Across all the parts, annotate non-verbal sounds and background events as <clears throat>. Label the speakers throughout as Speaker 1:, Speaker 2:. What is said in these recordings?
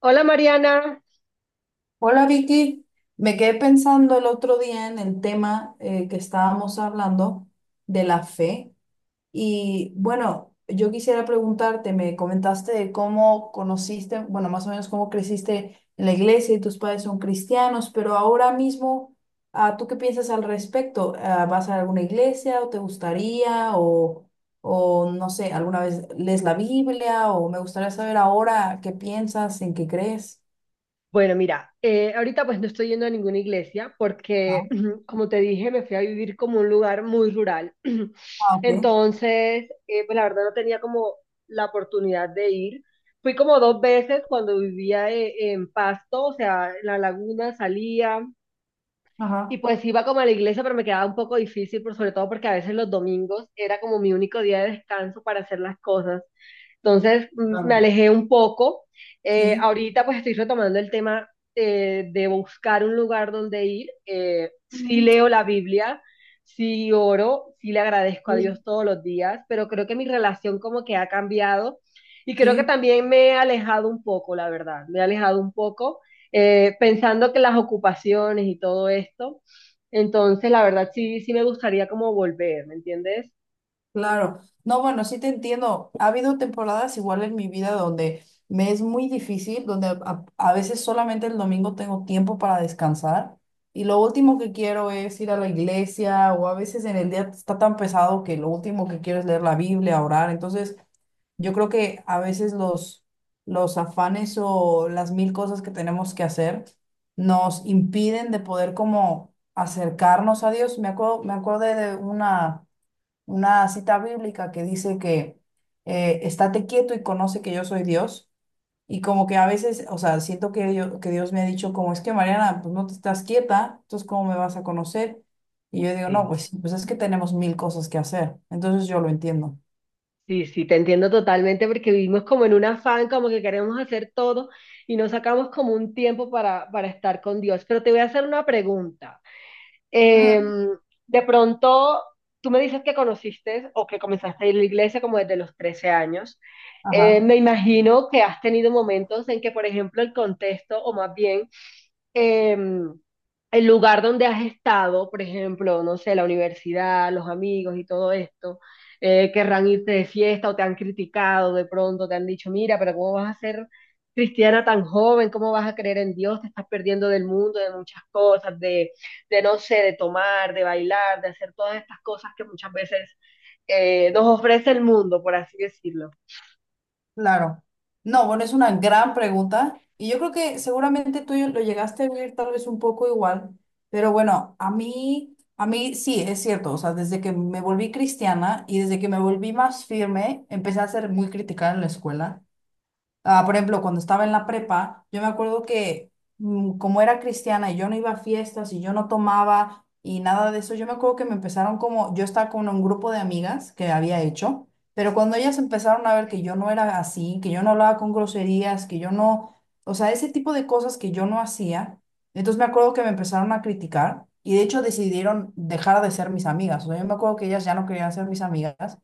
Speaker 1: Hola Mariana.
Speaker 2: Hola Vicky, me quedé pensando el otro día en el tema que estábamos hablando de la fe y bueno, yo quisiera preguntarte, me comentaste de cómo conociste, bueno, más o menos cómo creciste en la iglesia y tus padres son cristianos, pero ahora mismo, ¿tú qué piensas al respecto? ¿Vas a alguna iglesia o te gustaría o no sé, alguna vez lees la Biblia o me gustaría saber ahora qué piensas, en qué crees?
Speaker 1: Bueno, mira, ahorita pues no estoy yendo a ninguna iglesia
Speaker 2: Ah,
Speaker 1: porque, <clears throat> como te dije, me fui a vivir como un lugar muy rural. <clears throat>
Speaker 2: ok.
Speaker 1: Entonces, pues la verdad no tenía como la oportunidad de ir. Fui como dos veces cuando vivía en Pasto, o sea, en la laguna salía. Y
Speaker 2: Ajá.
Speaker 1: pues iba como a la iglesia, pero me quedaba un poco difícil, por sobre todo porque a veces los domingos era como mi único día de descanso para hacer las cosas. Entonces me
Speaker 2: Claro.
Speaker 1: alejé un poco.
Speaker 2: Sí.
Speaker 1: Ahorita pues estoy retomando el tema de buscar un lugar donde ir. Sí
Speaker 2: Ujú.
Speaker 1: leo la Biblia, sí oro, sí le agradezco a
Speaker 2: Sí.
Speaker 1: Dios todos los días, pero creo que mi relación como que ha cambiado y creo que
Speaker 2: Sí.
Speaker 1: también me he alejado un poco, la verdad, me he alejado un poco pensando que las ocupaciones y todo esto entonces, la verdad, sí, sí me gustaría como volver, ¿me entiendes?
Speaker 2: Claro, no, bueno, sí te entiendo. Ha habido temporadas igual en mi vida donde me es muy difícil, donde a veces solamente el domingo tengo tiempo para descansar y lo último que quiero es ir a la iglesia o a veces en el día está tan pesado que lo último que quiero es leer la Biblia, orar. Entonces, yo creo que a veces los afanes o las mil cosas que tenemos que hacer nos impiden de poder como acercarnos a Dios. Me acuerdo, me acordé de una cita bíblica que dice que estate quieto y conoce que yo soy Dios. Y como que a veces, o sea, siento que, que Dios me ha dicho, como es que Mariana, pues no te estás quieta, entonces ¿cómo me vas a conocer? Y yo digo, no,
Speaker 1: Sí,
Speaker 2: pues, sí, pues es que tenemos mil cosas que hacer. Entonces yo lo entiendo.
Speaker 1: sí, sí, te entiendo totalmente porque vivimos como en un afán, como que queremos hacer todo y no sacamos como un tiempo para estar con Dios. Pero te voy a hacer una pregunta. Eh,
Speaker 2: Ujú.
Speaker 1: de pronto, tú me dices que conociste o que comenzaste a ir a la iglesia como desde los 13 años.
Speaker 2: Ajá.
Speaker 1: Me imagino que has tenido momentos en que, por ejemplo, el contexto, o más bien em, el lugar donde has estado, por ejemplo, no sé, la universidad, los amigos y todo esto, querrán irte de fiesta o te han criticado de pronto, te han dicho, mira, pero ¿cómo vas a ser cristiana tan joven? ¿Cómo vas a creer en Dios? Te estás perdiendo del mundo, de muchas cosas, de no sé, de tomar, de bailar, de hacer todas estas cosas que muchas veces nos ofrece el mundo, por así decirlo.
Speaker 2: Claro. No, bueno, es una gran pregunta y yo creo que seguramente tú lo llegaste a vivir tal vez un poco igual, pero bueno, a mí sí, es cierto, o sea, desde que me volví cristiana y desde que me volví más firme, empecé a ser muy criticada en la escuela. Ah, por ejemplo, cuando estaba en la prepa, yo me acuerdo que como era cristiana y yo no iba a fiestas y yo no tomaba y nada de eso, yo me acuerdo que me empezaron como, yo estaba con un grupo de amigas que había hecho, pero cuando ellas empezaron a ver que yo no era así, que yo no hablaba con groserías, que yo no, o sea, ese tipo de cosas que yo no hacía, entonces me acuerdo que me empezaron a criticar y de hecho decidieron dejar de ser mis amigas. O sea, yo me acuerdo que ellas ya no querían ser mis amigas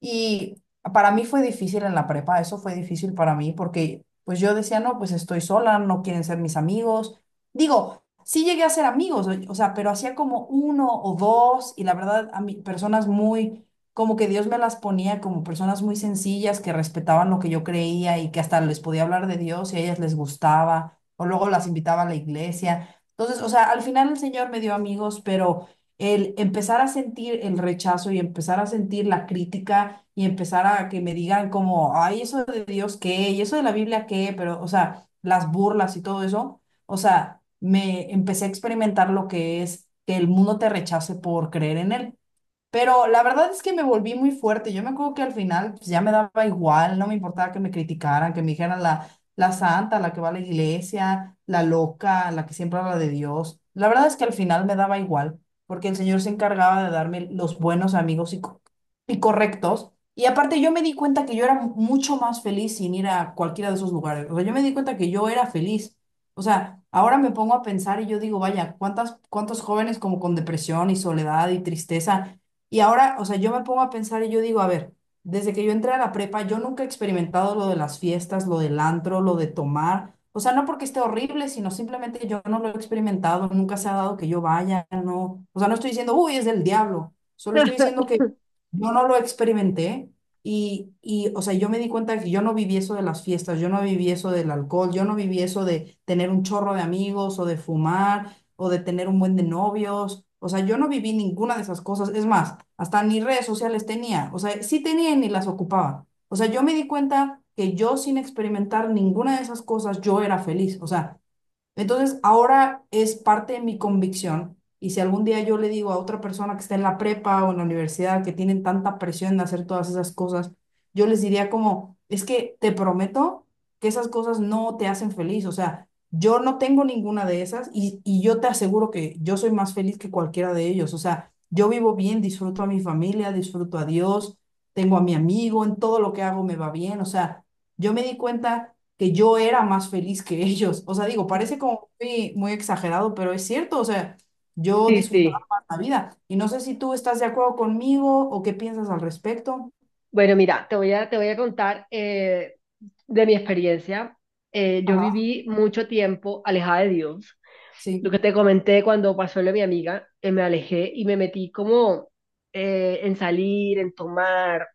Speaker 2: y para mí fue difícil en la prepa, eso fue difícil para mí porque pues yo decía, no, pues estoy sola, no quieren ser mis amigos. Digo, sí llegué a ser amigos, o sea, pero hacía como uno o dos y la verdad a mí personas muy, como que Dios me las ponía como personas muy sencillas que respetaban lo que yo creía y que hasta les podía hablar de Dios y a ellas les gustaba o luego las invitaba a la iglesia. Entonces, o sea, al final el Señor me dio amigos, pero el empezar a sentir el rechazo y empezar a sentir la crítica y empezar a que me digan como, ay, eso de Dios qué, y eso de la Biblia qué, pero, o sea, las burlas y todo eso, o sea, me empecé a experimentar lo que es que el mundo te rechace por creer en él. Pero la verdad es que me volví muy fuerte. Yo me acuerdo que al final pues, ya me daba igual, no me importaba que me criticaran, que me dijeran la santa, la que va a la iglesia, la loca, la que siempre habla de Dios. La verdad es que al final me daba igual, porque el Señor se encargaba de darme los buenos amigos y y correctos. Y aparte yo me di cuenta que yo era mucho más feliz sin ir a cualquiera de esos lugares. O sea, yo me di cuenta que yo era feliz. O sea, ahora me pongo a pensar y yo digo, vaya, ¿cuántos jóvenes como con depresión y soledad y tristeza? Y ahora, o sea, yo me pongo a pensar y yo digo, a ver, desde que yo entré a la prepa, yo nunca he experimentado lo de las fiestas, lo del antro, lo de tomar. O sea, no porque esté horrible, sino simplemente yo no lo he experimentado, nunca se ha dado que yo vaya, no. O sea, no estoy diciendo, uy, es del diablo. Solo estoy diciendo
Speaker 1: <laughs>
Speaker 2: que yo no lo experimenté o sea, yo me di cuenta que yo no viví eso de las fiestas, yo no viví eso del alcohol, yo no viví eso de tener un chorro de amigos o de fumar o de tener un buen de novios. O sea, yo no viví ninguna de esas cosas. Es más, hasta ni redes sociales tenía. O sea, sí tenía y ni las ocupaba. O sea, yo me di cuenta que yo sin experimentar ninguna de esas cosas, yo era feliz. O sea, entonces, ahora es parte de mi convicción. Y si algún día yo le digo a otra persona que está en la prepa o en la universidad que tienen tanta presión de hacer todas esas cosas, yo les diría como, es que te prometo que esas cosas no te hacen feliz. O sea, yo no tengo ninguna de esas y yo te aseguro que yo soy más feliz que cualquiera de ellos. O sea, yo vivo bien, disfruto a mi familia, disfruto a Dios, tengo a mi amigo, en todo lo que hago me va bien. O sea, yo me di cuenta que yo era más feliz que <laughs> ellos. O sea, digo, parece como muy, muy exagerado, pero es cierto, o sea, yo
Speaker 1: Sí,
Speaker 2: disfrutaba
Speaker 1: sí.
Speaker 2: más la vida. Y no sé si tú estás de acuerdo conmigo o qué piensas al respecto.
Speaker 1: Bueno, mira, te voy a contar de mi experiencia. Yo
Speaker 2: Ajá,
Speaker 1: viví mucho tiempo alejada de Dios. Lo que
Speaker 2: sí.
Speaker 1: te comenté cuando pasó lo de mi amiga, me alejé y me metí como en salir, en tomar.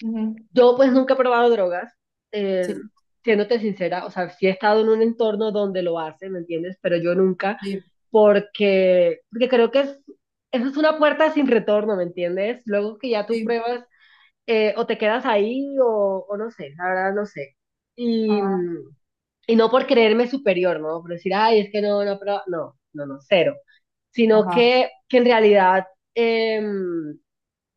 Speaker 2: Ujú.
Speaker 1: Yo pues nunca he probado drogas, eh,
Speaker 2: Sí,
Speaker 1: siéndote sincera, o sea, sí he estado en un entorno donde lo hacen, ¿me entiendes? Pero yo nunca,
Speaker 2: sí,
Speaker 1: porque creo que es, eso es una puerta sin retorno, ¿me entiendes? Luego que ya tú
Speaker 2: sí.
Speaker 1: pruebas o te quedas ahí o no sé, la verdad no sé. Y,
Speaker 2: Ajá,
Speaker 1: mm, y no por creerme superior, ¿no? Por decir, ay, es que no, no, pero no, no, no, cero. Sino
Speaker 2: ajá,
Speaker 1: que en realidad em,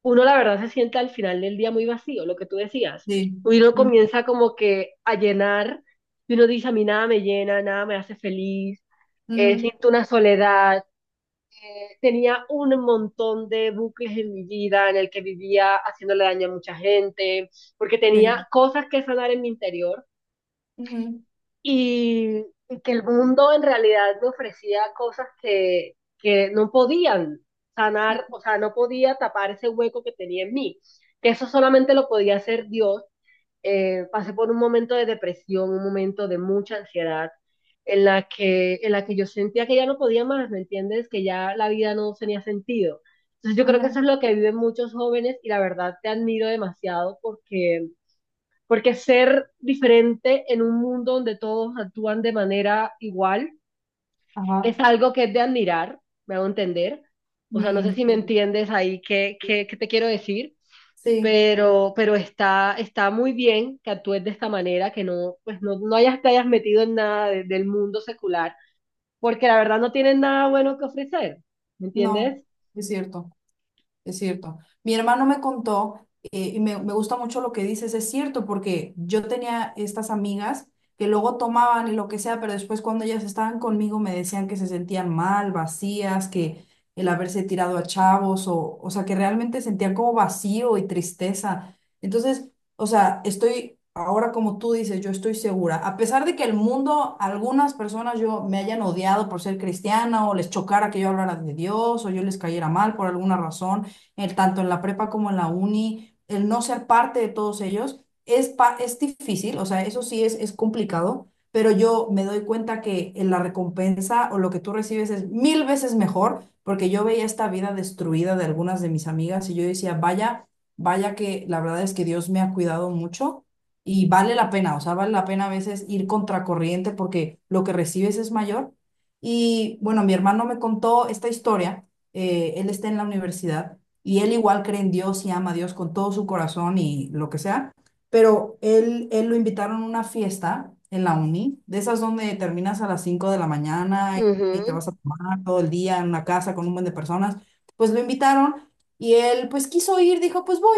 Speaker 1: uno la verdad se siente al final del día muy vacío, lo que tú decías.
Speaker 2: sí.
Speaker 1: Uno
Speaker 2: mm,
Speaker 1: comienza como que a llenar y uno dice, a mí nada me llena, nada me hace feliz,
Speaker 2: ujú,
Speaker 1: siento una soledad. Tenía un montón de bucles en mi vida en el que vivía haciéndole daño a mucha gente, porque
Speaker 2: sí.
Speaker 1: tenía cosas que sanar en mi interior
Speaker 2: Ujú,
Speaker 1: y, y que el mundo en realidad me ofrecía cosas que no podían sanar, o sea, no podía tapar ese hueco que tenía en mí, que eso solamente lo podía hacer Dios. Pasé por un momento de depresión, un momento de mucha ansiedad, en la que yo sentía que ya no podía más, ¿me entiendes? Que ya la vida no tenía sentido. Entonces yo creo que eso es
Speaker 2: ujú.
Speaker 1: lo que viven muchos jóvenes y la verdad te admiro demasiado porque ser diferente en un mundo donde todos actúan de manera igual es
Speaker 2: Ajá.
Speaker 1: algo que es de admirar, me hago entender. O sea, no sé
Speaker 2: mm,
Speaker 1: si me entiendes ahí qué, qué, qué te quiero decir,
Speaker 2: sí,
Speaker 1: pero está, está muy bien que actúes de esta manera, que no, pues no, no hayas, te hayas metido en nada de- del mundo secular, porque la verdad no tienen nada bueno que ofrecer, ¿me
Speaker 2: no,
Speaker 1: entiendes?
Speaker 2: es cierto. Es cierto. Mi hermano me contó, y me gusta mucho lo que dices, es cierto, porque yo tenía estas amigas que luego tomaban y lo que sea, pero después cuando ellas estaban conmigo me decían que se sentían mal, vacías, que el haberse tirado a chavos, o sea, que realmente sentían como vacío y tristeza. Entonces, o sea, estoy ahora como tú dices, yo estoy segura, a pesar de que el mundo, algunas personas yo me hayan odiado por ser cristiana o les chocara que yo hablara de Dios o yo les cayera mal por alguna razón tanto en la prepa como en la uni, el no ser parte de todos ellos es difícil, o sea, eso sí es complicado, pero yo me doy cuenta que en la recompensa o lo que tú recibes es mil veces mejor, porque yo veía esta vida destruida de algunas de mis amigas y yo decía, vaya que la verdad es que Dios me ha cuidado mucho. Y vale la pena, o sea, vale la pena a veces ir contracorriente porque lo que recibes es mayor. Y bueno, mi hermano me contó esta historia, él está en la universidad y él igual cree en Dios y ama a Dios con todo su corazón y lo que sea, pero él lo invitaron a una fiesta en la uni, de esas donde terminas a las 5 de la mañana y te
Speaker 1: Ujú,
Speaker 2: vas a tomar todo el día en una casa con un buen de personas, pues lo invitaron y él pues quiso ir, dijo pues voy.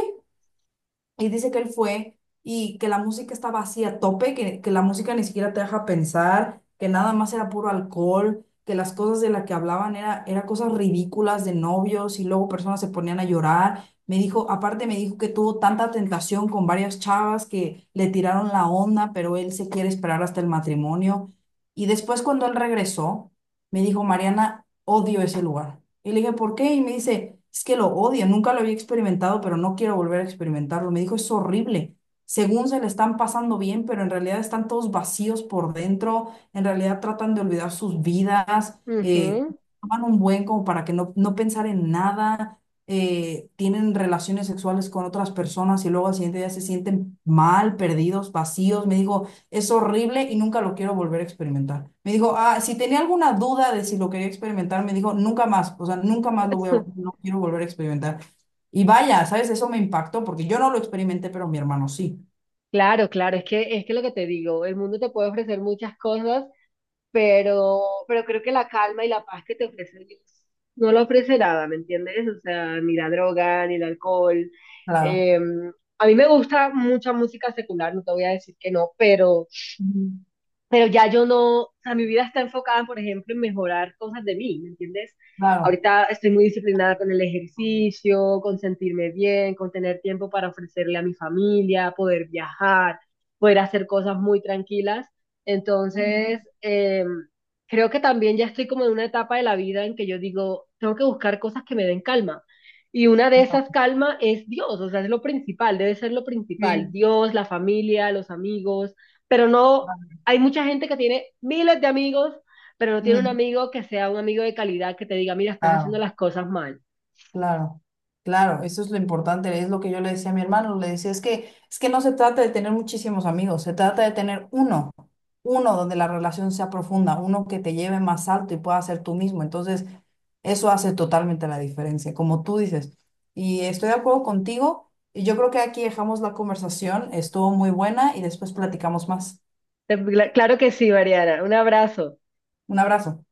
Speaker 2: Y dice que él fue y que la música estaba así a tope, que la música ni siquiera te deja pensar, que nada más era puro alcohol, que las cosas de las que hablaban era cosas ridículas de novios y luego personas se ponían a llorar. Me dijo, aparte me dijo que tuvo tanta tentación con varias chavas que le tiraron la onda, pero él se quiere esperar hasta el matrimonio. Y después cuando él regresó, me dijo, Mariana, odio ese lugar. Y le dije, ¿por qué? Y me dice, es que lo odia. Nunca lo había experimentado, pero no quiero volver a experimentarlo. Me dijo, es horrible. Según se le están pasando bien, pero en realidad están todos vacíos por dentro, en realidad tratan de olvidar sus vidas,
Speaker 1: ujú.
Speaker 2: toman un buen como para que no pensar en nada, tienen relaciones sexuales con otras personas y luego al siguiente día se sienten mal, perdidos, vacíos. Me dijo, es horrible y nunca lo quiero volver a experimentar. Me dijo, ah, si tenía alguna duda de si lo quería experimentar, me dijo, nunca más, o sea, nunca más lo voy a,
Speaker 1: <laughs>
Speaker 2: no quiero volver a experimentar. Y vaya, ¿sabes? Eso me impactó porque yo no lo experimenté, pero mi hermano sí.
Speaker 1: Claro, claro, es que lo que te digo, el mundo te puede ofrecer muchas cosas, pero creo que la calma y la paz que te ofrece Dios no lo ofrece nada, ¿me entiendes? O sea, ni la droga, ni el alcohol.
Speaker 2: Claro.
Speaker 1: Eh, a mí me gusta mucha música secular, no te voy a decir que no,
Speaker 2: Ujú.
Speaker 1: pero ya yo no, o sea, mi vida está enfocada, por ejemplo, en mejorar cosas de mí, ¿me entiendes?
Speaker 2: Claro.
Speaker 1: Ahorita estoy muy disciplinada con el ejercicio, con sentirme bien, con tener tiempo para ofrecerle a mi familia, poder viajar, poder hacer cosas muy tranquilas.
Speaker 2: Ujú.
Speaker 1: Entonces, creo que también ya estoy como en una etapa de la vida en que yo digo, tengo que buscar cosas que me den calma. Y una de esas calma es Dios, o sea, es lo principal, debe ser lo principal.
Speaker 2: Sí.
Speaker 1: Dios, la familia, los amigos, pero no
Speaker 2: Vale.
Speaker 1: hay mucha gente que tiene miles de amigos, pero no tiene un
Speaker 2: Ujú.
Speaker 1: amigo que sea un amigo de calidad que te diga, mira, estás haciendo
Speaker 2: Claro.
Speaker 1: las cosas mal.
Speaker 2: Claro, claro, eso es lo importante, es lo que yo le decía a mi hermano, le decía, es es que no se trata de tener muchísimos amigos, se trata de tener uno, uno donde la relación sea profunda, uno que te lleve más alto y pueda ser tú mismo, entonces eso hace totalmente la diferencia, como tú dices, y estoy de acuerdo contigo, y yo creo que aquí dejamos la conversación, estuvo muy buena y después platicamos más.
Speaker 1: Claro que sí, Mariana. Un abrazo.
Speaker 2: Un abrazo.